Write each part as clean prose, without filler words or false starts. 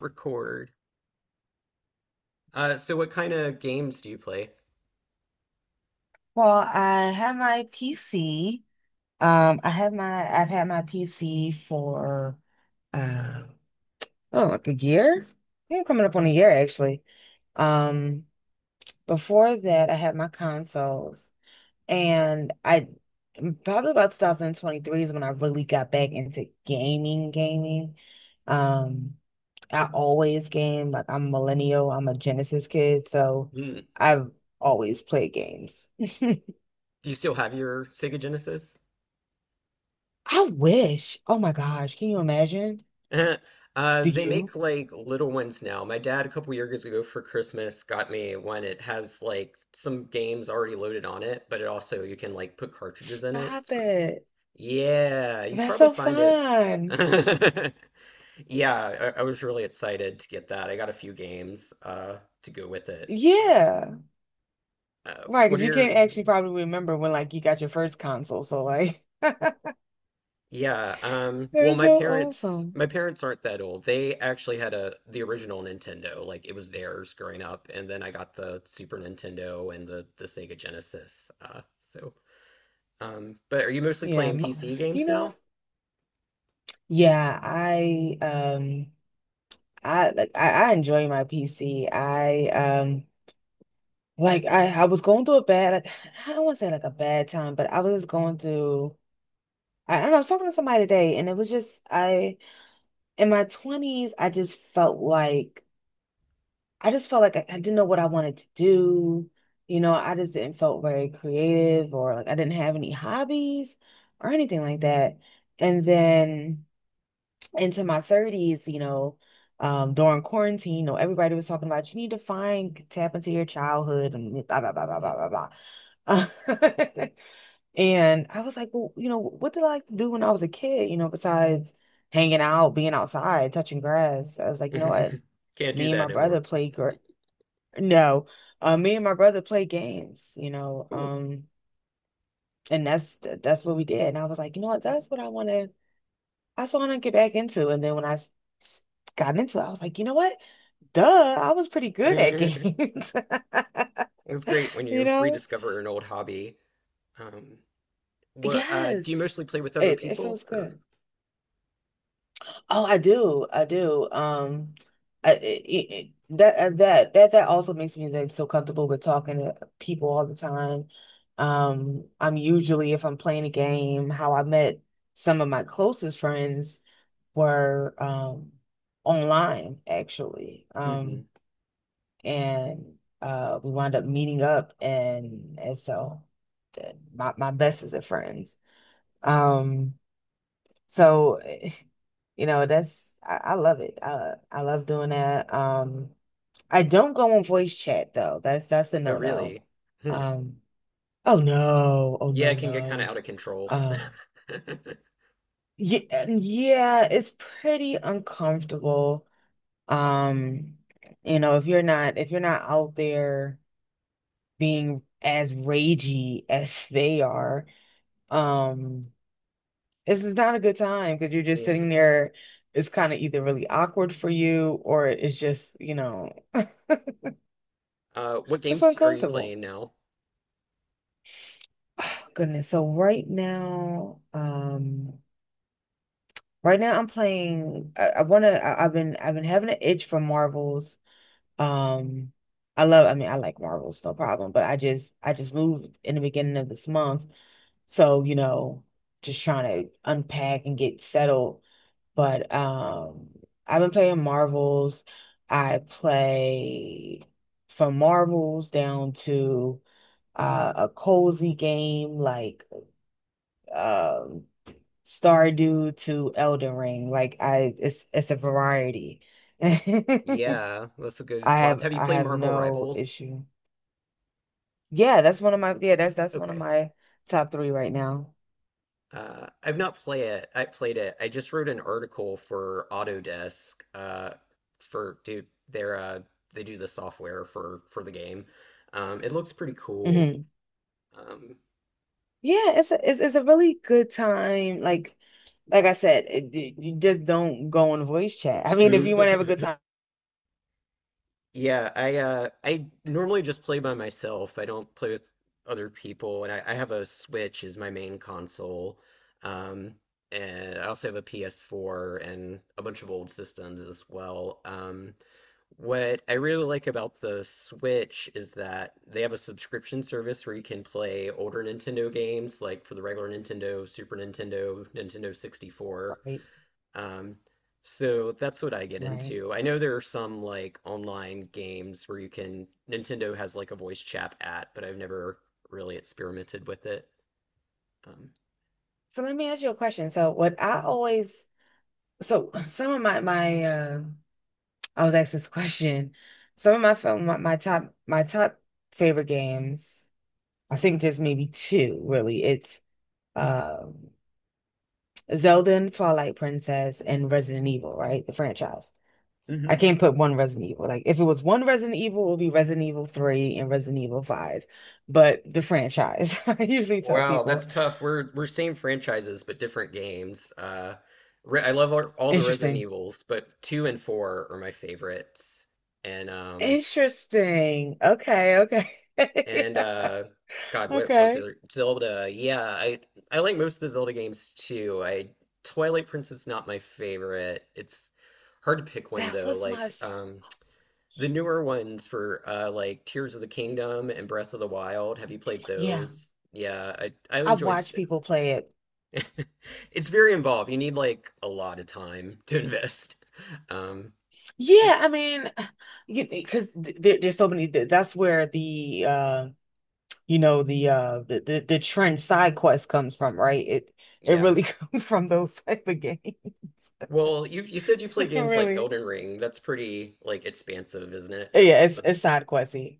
Record. So what kind of games do you play? Well, I have my PC. I have my I've had my PC for uh oh, like a year. I think coming up on a year actually. Um, Before that I had my consoles and I probably about 2023 is when I really got back into gaming. Um, I always game, like I'm millennial, I'm a Genesis kid, so Hmm. I've always played games. Do you still have your Sega Genesis? I wish. Oh my gosh, can you imagine? Do They you? make like little ones now. My dad, a couple years ago for Christmas, got me one. It has like some games already loaded on it, but it also you can like put cartridges in it. It's Stop pretty. it. Yeah, you can That's probably so find it. fun. Yeah, I was really excited to get that. I got a few games to go with it. Yeah. Right, What because are you can't your… actually probably remember when like you got your first console. So like that's Yeah, well, so awesome. my parents aren't that old. They actually had a the original Nintendo, like it was theirs growing up, and then I got the Super Nintendo and the Sega Genesis. But are you mostly Yeah. playing PC You games know what? now? Yeah. I like I enjoy my PC. I Like I was going through a bad like, I don't want to say like a bad time, but I was going through, I don't know, I was talking to somebody today and it was just I, in my 20s, I just felt like I didn't know what I wanted to do. You know, I just didn't felt very creative or like I didn't have any hobbies or anything like that. And then into my 30s, you know, during quarantine, you know, everybody was talking about you need to find tap into your childhood and blah blah blah blah blah blah blah. And I was like, well, you know, what did I like to do when I was a kid, you know, besides hanging out, being outside, touching grass? I was like, you know what? Can't do Me and that my no brother more. played gr no, Me and my brother played games, you know, Cool. And that's what we did. And I was like, you know what? That's what I want to get back into. And then when I s- got into it, I was like, you know what? Duh, I was pretty good at games, It's great when you you know? rediscover an old hobby. Um, what Do you Yes, mostly play with other it people, feels or? good. Oh, I do. I do. I it, it, that That also makes me like so comfortable with talking to people all the time. I'm usually if I'm playing a game, how I met some of my closest friends were online actually. Hmm. And we wound up meeting up and so my bestest of friends. Um so, you know, that's I love it. I love doing that. I don't go on voice chat though. That's a Oh, no-no. really? Hmm. Um, oh no, oh Yeah, no, it can get kind of no. out of control. Um, yeah, yeah, it's pretty uncomfortable. Um, you know, if you're not out there being as ragey as they are, um, this is not a good time because you're just Yeah. sitting there. It's kind of either really awkward for you or it's just, you know, What it's games are you uncomfortable. playing now? Oh, goodness. So right now, I'm playing. I wanna. I've been having an itch for Marvels. Um, I love. I mean, I like Marvels, no problem. But I just. I just moved in the beginning of this month, so you know, just trying to unpack and get settled. But I've been playing Marvels. I play from Marvels down to a cozy game like, um, Stardew to Elden Ring. It's a variety. I Yeah, that's a good swath. Have you I played have Marvel no Rivals? issue. Yeah, that's one of my, yeah, that's one of Okay. my top three right now. I've not play it. I played it. I just wrote an article for Autodesk. Their they do the software for the game. It looks pretty cool. Mhm. Um, Yeah, it's a really good time. Like I said, it- you just don't go on voice chat. I mean, if you want to have a good time, Yeah, I normally just play by myself. I don't play with other people, and I have a Switch as my main console. Um, and I also have a PS4 and a bunch of old systems as well. What I really like about the Switch is that they have a subscription service where you can play older Nintendo games, like for the regular Nintendo, Super Nintendo, Nintendo 64. right? Um, so that's what I get Right. into. I know there are some like online games where you can, Nintendo has like a voice chat app, but I've never really experimented with it. Um, So let me ask you a question. So what I always so some of my I was asked this question. Some of my film my, my top favorite games. I think there's maybe two really. It's um Zelda and Twilight Princess and Resident Evil, right? The franchise. I hmm. can't put one Resident Evil. Like if it was one Resident Evil, it would be Resident Evil 3 and Resident Evil 5. But the franchise, I usually tell Wow, that's people. tough. We're same franchises but different games. Re I love all the Resident Interesting. Evils, but two and four are my favorites. And um, Interesting. Okay, okay. And God, what was the Okay. other Zelda? I like most of the Zelda games too. I Twilight Princess, not my favorite. It's hard to pick one That though. was my f, The newer ones for like Tears of the Kingdom and Breath of the Wild. Have you played yeah. those? Yeah, I I've enjoyed watched people play it. th it's very involved. You need like a lot of time to invest. Um but Yeah, I mean, you because there's so many that's where the you know, the the trend side quest comes from, right? It yeah. really comes from those type of games. Well, you said you play games like Really. Elden Ring. That's pretty like expansive, isn't it? Has Yeah, lots of… it's side questy.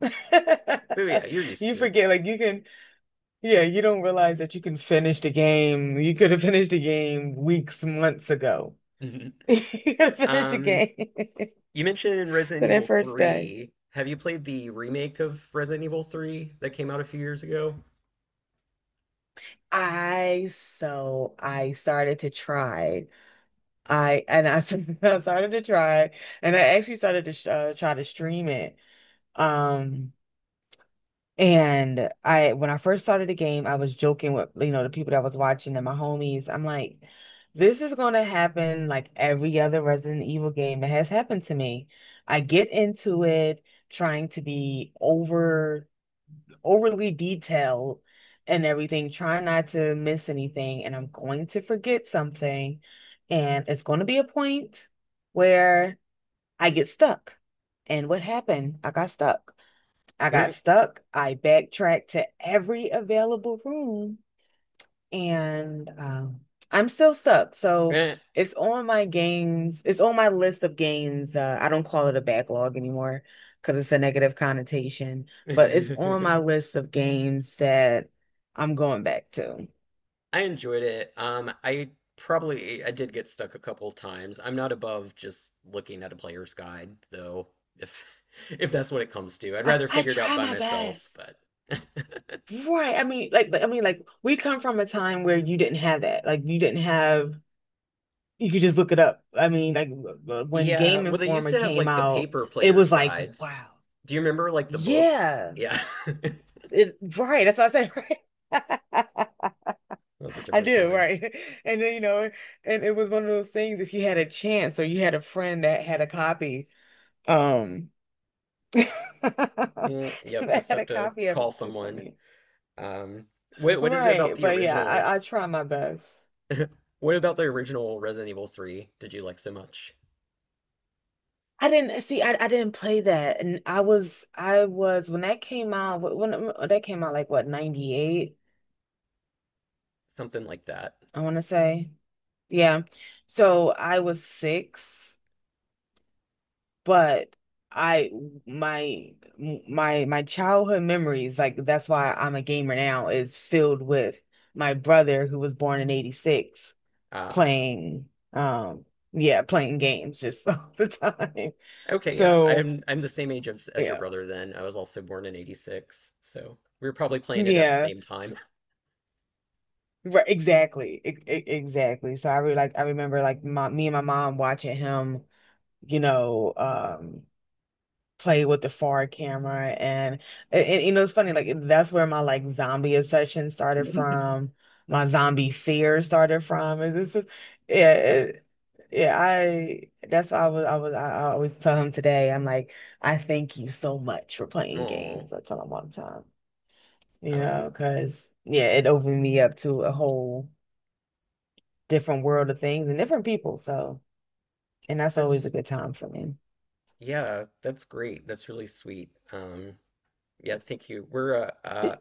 So yeah, you're used You to it. forget, like you can, yeah, you don't realize that you can finish the game. You could have finished the game weeks, months ago. Mhm. You could have finished the Um, game to you mentioned Resident that Evil first day. 3. Have you played the remake of Resident Evil 3 that came out a few years ago? I So I started to try. I and I, s- I started to try, and I actually started to sh try to stream it. Um, And I, when I first started the game, I was joking with, you know, the people that was watching and my homies. I'm like, this is going to happen like every other Resident Evil game that has happened to me. I get into it trying to overly detailed and everything, trying not to miss anything. And I'm going to forget something. And it's going to be a point where I get stuck. And what happened? I got stuck. I Mm, got stuck. I backtracked to every available room and, I'm still stuck. So eh. It's on my list of games. I don't call it a backlog anymore because it's a negative connotation, but it's on my list of games that I'm going back to. I enjoyed it. I Probably I did get stuck a couple times. I'm not above just looking at a player's guide, though, if if that's what it comes to. I'd rather I figure it out try by my myself, best. but Right. I mean, like, we come from a time where you didn't have that. Like, you didn't have, you could just look it up. When yeah, Game well, they used Informer to have came like the out, paper it player's was like, guides. wow, Do you remember like the books? yeah, Yeah. it, right. That's what I said, right? That was a I different do, time. right. And then, you know, and it was one of those things if you had a chance or you had a friend that had a copy, um, that Mm, yep, just had have a to copy of it, call it's too someone. funny. Um, what is it about Right. the But yeah, original? I try my best. What about the original Resident Evil 3 did you like so much? I didn't see. I didn't play that, and I was when that came out. When that came out, like what, 98, Something like that. I want to say. Yeah. So I was six, but I, my childhood memories, like that's why I'm a gamer now, is filled with my brother who was born in 86, Ah, playing yeah playing games just all the time. okay, yeah. So I'm the same age as, your yeah, brother then. I was also born in 86, so we were probably playing it at the yeah. same time. Right, exactly. Exactly. So I really like, I remember like my me and my mom watching him, you know, play with the forward camera, and, you know, it's funny like that's where my like zombie obsession started from, my zombie fear started from. And this is, yeah, yeah, I that's why I always tell him today. I'm like, I thank you so much for playing Oh, games. I tell him all the time. You know, um, because yeah, it opened me up to a whole different world of things and different people. So, and that's always a that's… good time for me. yeah, that's great. That's really sweet. Yeah, thank you. We're